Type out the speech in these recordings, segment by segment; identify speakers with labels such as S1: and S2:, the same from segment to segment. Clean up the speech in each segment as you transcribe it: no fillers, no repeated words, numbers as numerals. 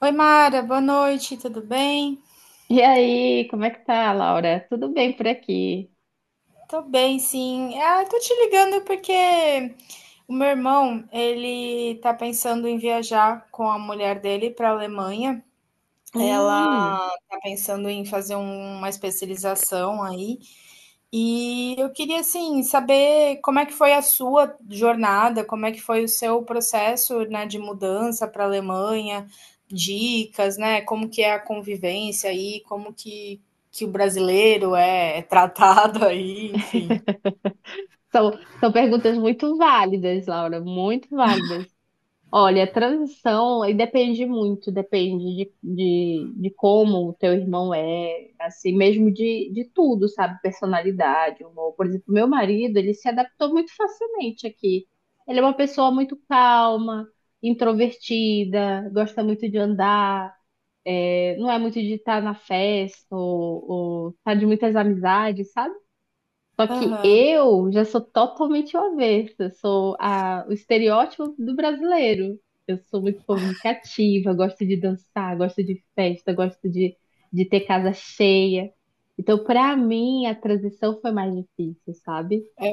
S1: Oi, Mara, boa noite, tudo bem?
S2: E aí, como é que tá, Laura? Tudo bem por aqui?
S1: Tô bem, sim. Ah, tô te ligando porque o meu irmão, ele tá pensando em viajar com a mulher dele para a Alemanha. Ela
S2: Hum,
S1: tá pensando em fazer uma especialização aí. E eu queria, assim, saber como é que foi a sua jornada, como é que foi o seu processo, né, de mudança para a Alemanha, dicas, né, como que é a convivência aí, como que o brasileiro é tratado aí, enfim.
S2: são, são perguntas muito válidas, Laura, muito válidas. Olha, a transição aí depende muito, depende de como o teu irmão é, assim, mesmo de tudo, sabe? Personalidade, humor. Por exemplo, meu marido, ele se adaptou muito facilmente aqui. Ele é uma pessoa muito calma, introvertida, gosta muito de andar. É, não é muito de estar na festa ou estar de muitas amizades, sabe? Só que
S1: Aham.
S2: eu já sou totalmente o avesso, eu sou o estereótipo do brasileiro. Eu sou muito comunicativa, gosto de dançar, gosto de festa, gosto de ter casa cheia. Então, para mim, a transição foi mais difícil, sabe?
S1: É,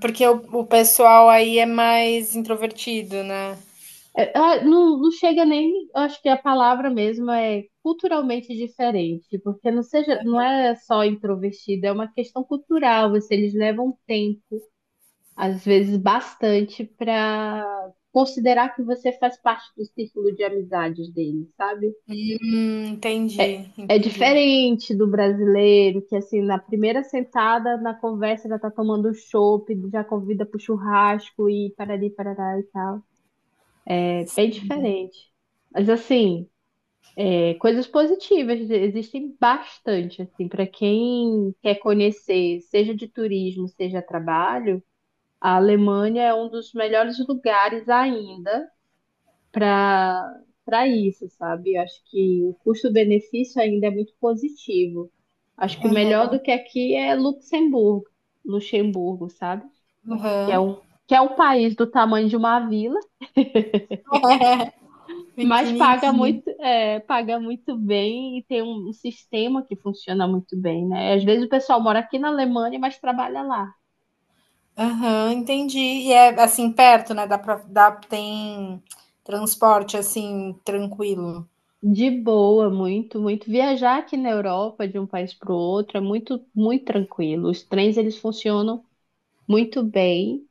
S1: porque o pessoal aí é mais introvertido, né?
S2: É, ah, não chega nem, eu acho que a palavra mesmo é culturalmente diferente, porque não é só introvertido, é uma questão cultural, você, eles levam tempo, às vezes bastante, para considerar que você faz parte do círculo de amizades deles, sabe?
S1: Entendi,
S2: É
S1: entendi.
S2: diferente do brasileiro, que assim, na primeira sentada, na conversa, já tá tomando chopp, já convida pro churrasco e parari, parará e tal. É bem diferente. Mas assim, é, coisas positivas existem bastante, assim, para quem quer conhecer, seja de turismo, seja trabalho, a Alemanha é um dos melhores lugares ainda para para isso, sabe? Eu acho que o custo-benefício ainda é muito positivo. Acho que o melhor
S1: Aham,
S2: do que aqui é Luxemburgo, Luxemburgo, sabe? Que
S1: aham.
S2: é um, que é um país do tamanho de uma vila. Mas paga
S1: Pequenininho.
S2: muito, é, paga muito bem e tem um sistema que funciona muito bem, né? Às vezes o pessoal mora aqui na Alemanha, mas trabalha lá.
S1: Aham, entendi. E é assim perto, né, dá pra dá tem transporte assim tranquilo.
S2: De boa, muito, muito. Viajar aqui na Europa de um país para o outro é muito, muito tranquilo. Os trens, eles funcionam muito bem.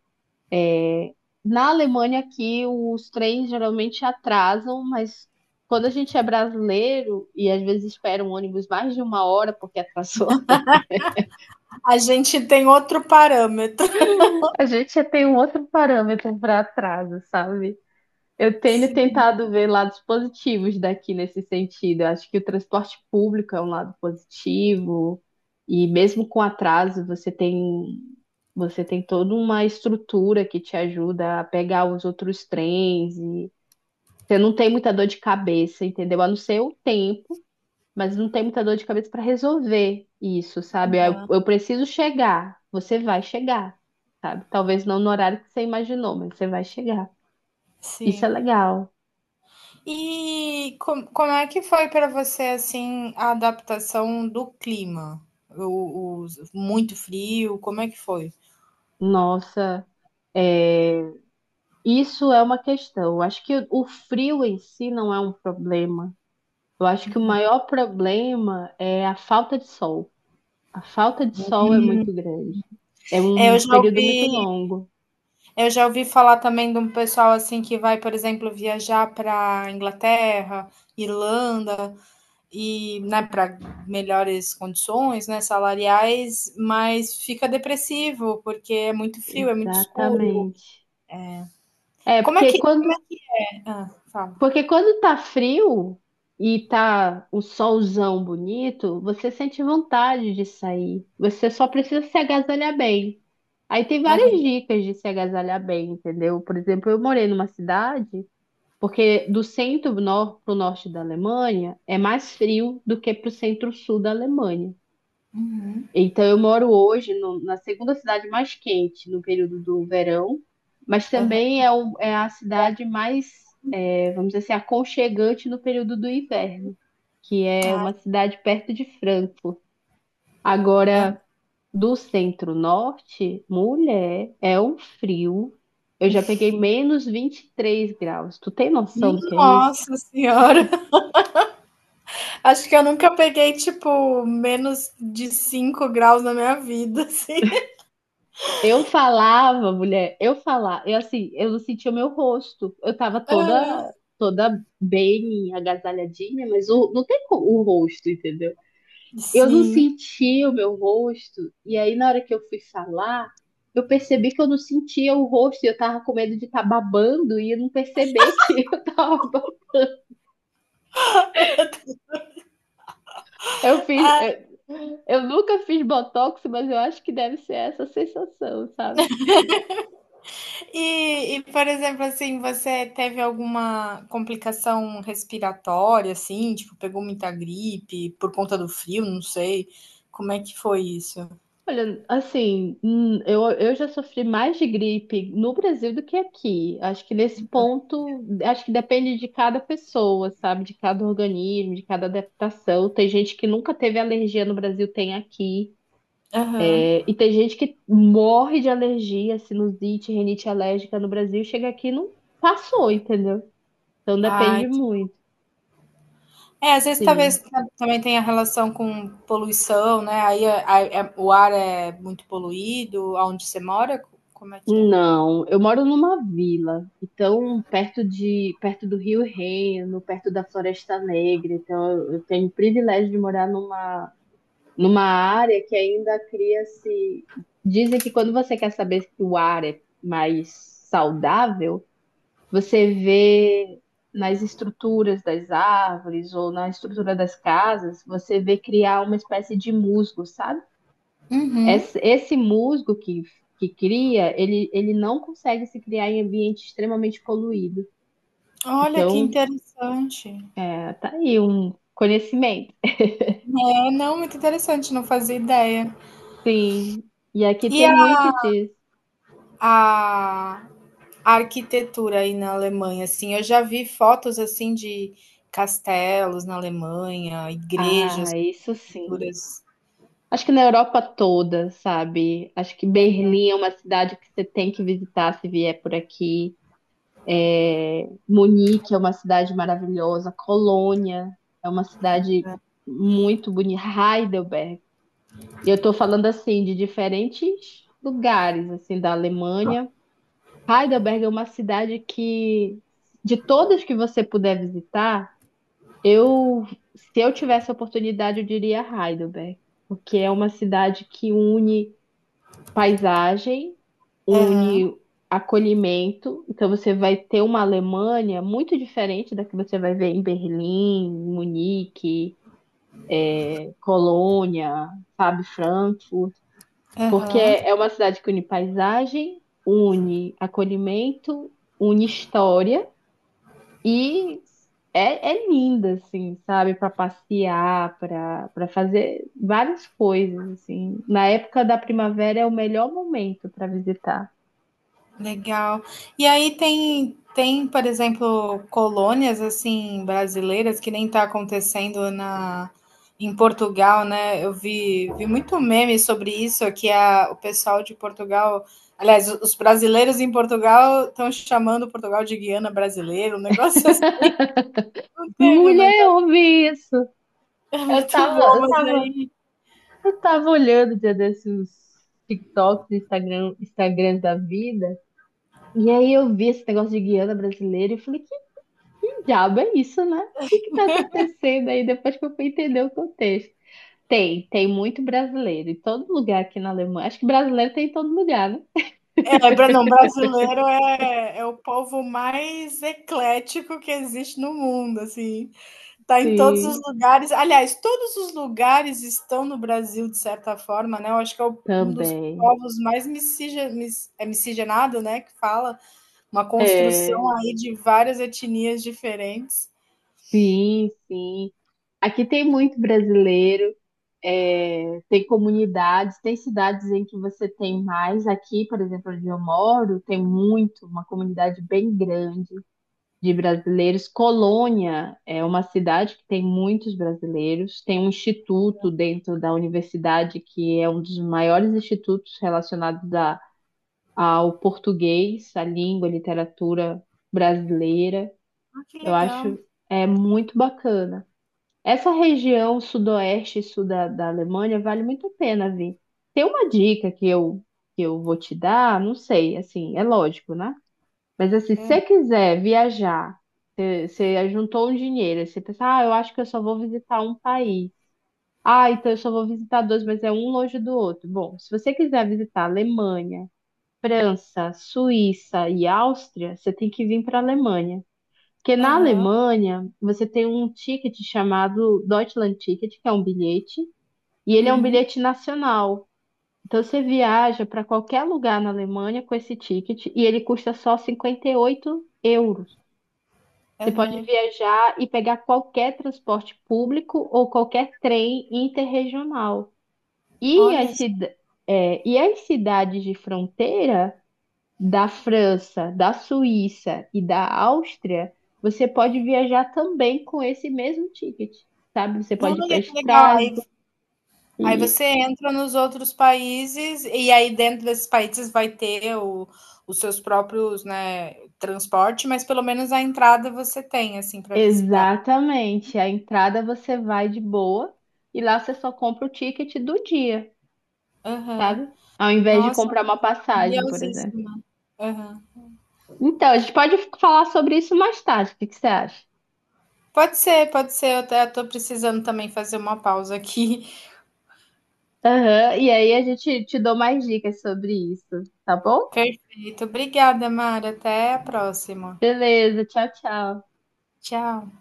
S2: Na Alemanha aqui, os trens geralmente atrasam, mas quando a gente é brasileiro e às vezes espera um ônibus mais de uma hora porque atrasou,
S1: A gente tem outro parâmetro.
S2: a gente já tem um outro parâmetro para atraso, sabe? Eu tenho
S1: Sim.
S2: tentado ver lados positivos daqui nesse sentido. Eu acho que o transporte público é um lado positivo, e mesmo com atraso, você tem toda uma estrutura que te ajuda a pegar os outros trens, e você não tem muita dor de cabeça, entendeu? A não ser o tempo, mas não tem muita dor de cabeça para resolver isso, sabe? Eu preciso chegar, você vai chegar, sabe? Talvez não no horário que você imaginou, mas você vai chegar. Isso é
S1: Sim.
S2: legal.
S1: E como é que foi para você, assim, a adaptação do clima? O muito frio, como é que foi?
S2: Nossa, é, isso é uma questão. Acho que o frio em si não é um problema. Eu acho que o maior problema é a falta de sol. A falta de sol é muito grande. É
S1: É,
S2: um
S1: eu já
S2: período muito
S1: ouvi
S2: longo.
S1: eu já ouvi falar também de um pessoal, assim, que vai, por exemplo, viajar para Inglaterra, Irlanda, e né, para melhores condições, né, salariais, mas fica depressivo porque é muito frio, é muito escuro.
S2: Exatamente. É,
S1: Como é
S2: porque
S1: que. Como
S2: quando
S1: é- Ah, fala.
S2: Porque quando tá frio e tá o solzão bonito, você sente vontade de sair. Você só precisa se agasalhar bem. Aí tem várias
S1: Aham,
S2: dicas de se agasalhar bem, entendeu? Por exemplo, eu morei numa cidade, porque do centro nor para o norte da Alemanha é mais frio do que para o centro-sul da Alemanha. Então, eu moro hoje na segunda cidade mais quente no período do verão, mas
S1: aham.
S2: também é, é a cidade mais, é, vamos dizer assim, aconchegante no período do inverno, que é uma cidade perto de Frankfurt. Agora, do centro-norte, mulher, é um frio. Eu já peguei menos 23 graus. Tu tem noção do que é isso?
S1: Nossa senhora, acho que eu nunca peguei tipo menos de 5 graus na minha vida, assim.
S2: Eu falava, mulher, eu falava, eu assim, eu não sentia o meu rosto. Eu tava
S1: Ah,
S2: toda toda bem agasalhadinha, mas não tem o rosto, entendeu? Eu não
S1: sim.
S2: sentia o meu rosto, e aí na hora que eu fui falar, eu percebi que eu não sentia o rosto, e eu tava com medo de estar babando e eu não perceber que eu tava babando. Eu fiz,
S1: Ah,
S2: eu nunca fiz botox, mas eu acho que deve ser essa a sensação, sabe?
S1: E, por exemplo, assim, você teve alguma complicação respiratória, assim, tipo, pegou muita gripe por conta do frio, não sei. Como é que foi isso?
S2: Olha, assim, eu já sofri mais de gripe no Brasil do que aqui. Acho que nesse ponto, acho que depende de cada pessoa, sabe? De cada organismo, de cada adaptação. Tem gente que nunca teve alergia no Brasil, tem aqui.
S1: Aham.
S2: É, e tem gente que morre de alergia, sinusite, rinite alérgica no Brasil, chega aqui e não passou, entendeu? Então depende
S1: Ai.
S2: muito,
S1: É, às vezes talvez
S2: sim.
S1: também tenha relação com poluição, né? O ar é muito poluído, aonde você mora, como é que é?
S2: Não, eu moro numa vila, então perto do Rio Reno, perto da Floresta Negra, então eu tenho o privilégio de morar numa área que ainda cria-se. Dizem que quando você quer saber se o ar é mais saudável, você vê nas estruturas das árvores ou na estrutura das casas, você vê criar uma espécie de musgo, sabe?
S1: Uhum.
S2: Esse musgo que cria, ele não consegue se criar em ambiente extremamente poluído.
S1: Olha que
S2: Então,
S1: interessante.
S2: é, tá aí um conhecimento.
S1: É, não, muito interessante, não fazia ideia.
S2: Sim, e aqui
S1: E
S2: tem muito disso.
S1: a a arquitetura aí na Alemanha, assim, eu já vi fotos assim de castelos na Alemanha, igrejas,
S2: Ah, isso sim.
S1: arquiteturas.
S2: Acho que na Europa toda, sabe? Acho que Berlim é uma cidade que você tem que visitar se vier por aqui. É, Munique é uma cidade maravilhosa. Colônia é uma cidade muito bonita. Heidelberg. E eu estou falando assim de diferentes lugares assim da Alemanha. Heidelberg é uma cidade que, de todas que você puder visitar, eu, se eu tivesse a oportunidade, eu diria Heidelberg, porque é uma cidade que une paisagem,
S1: Aham,
S2: une acolhimento. Então você vai ter uma Alemanha muito diferente da que você vai ver em Berlim, Munique, Colônia, sabe, Frankfurt. Porque
S1: aham,
S2: é uma cidade que une paisagem, une acolhimento, une história e é linda, assim, sabe? Para passear, para fazer várias coisas, assim. Na época da primavera é o melhor momento para visitar.
S1: legal. E aí tem, por exemplo, colônias assim brasileiras que nem está acontecendo na em Portugal, né? Eu vi muito meme sobre isso, que o pessoal de Portugal. Aliás, os brasileiros em Portugal estão chamando Portugal de Guiana brasileiro, um negócio assim. Não teve um
S2: Mulher, eu
S1: negócio
S2: ouvi isso.
S1: é
S2: Eu
S1: muito
S2: tava,
S1: bom,
S2: eu
S1: mas
S2: tava,
S1: aí.
S2: eu tava olhando um dia desses TikToks, Instagram, Instagrams da vida. E aí eu vi esse negócio de Guiana brasileira e falei, diabo é isso, né? O que que tá acontecendo aí depois que eu fui entender o contexto? Tem muito brasileiro em todo lugar aqui na Alemanha. Acho que brasileiro tem em todo lugar, né?
S1: É, não, brasileiro é o povo mais eclético que existe no mundo, assim. Tá em todos os
S2: Sim,
S1: lugares. Aliás, todos os lugares estão no Brasil, de certa forma, né? Eu acho que um dos
S2: também.
S1: povos mais é miscigenado, né? Que fala uma
S2: É,
S1: construção aí de várias etnias diferentes.
S2: sim, sim. Aqui tem muito brasileiro, é, tem comunidades, tem cidades em que você tem mais. Aqui, por exemplo, onde eu moro, tem muito, uma comunidade bem grande de brasileiros. Colônia é uma cidade que tem muitos brasileiros, tem um instituto dentro da universidade que é um dos maiores institutos relacionados a, ao português, à língua, à literatura brasileira.
S1: Ah, que
S2: Eu acho
S1: legal.
S2: é muito bacana. Essa região sudoeste e sul da, da Alemanha vale muito a pena vir. Tem uma dica que eu vou te dar, não sei, assim, é lógico, né? Mas assim, se
S1: É.
S2: você quiser viajar, você juntou um dinheiro, aí você pensa, ah, eu acho que eu só vou visitar um país. Ah, então eu só vou visitar dois, mas é um longe do outro. Bom, se você quiser visitar Alemanha, França, Suíça e Áustria, você tem que vir para a Alemanha. Porque na
S1: Aham,
S2: Alemanha, você tem um ticket chamado Deutschland Ticket, que é um bilhete, e ele é um
S1: uhum,
S2: bilhete nacional. Então você viaja para qualquer lugar na Alemanha com esse ticket e ele custa só 58 euros. Você pode
S1: aham.
S2: viajar e pegar qualquer transporte público ou qualquer trem interregional. E as,
S1: Olha, só.
S2: cida- e as cidades de fronteira da França, da Suíça e da Áustria, você pode viajar também com esse mesmo ticket, sabe? Você pode ir para
S1: Olha que legal. Aí
S2: Estrasburgo.
S1: Aí
S2: e-
S1: você entra nos outros países e aí dentro desses países vai ter os seus próprios, né, transporte, mas pelo menos a entrada você tem, assim, para visitar.
S2: Exatamente. A entrada você vai de boa e lá você só compra o ticket do dia,
S1: Aham.
S2: sabe? Ao invés de
S1: Nossa,
S2: comprar uma passagem, por exemplo.
S1: curiosíssima. Aham.
S2: Então, a gente pode falar sobre isso mais tarde, o que que você acha?
S1: Pode ser, pode ser. Eu até tô precisando também fazer uma pausa aqui.
S2: Aham, e aí a gente te dou mais dicas sobre isso, tá bom?
S1: Perfeito. Obrigada, Mara. Até a próxima.
S2: Beleza, tchau, tchau.
S1: Tchau.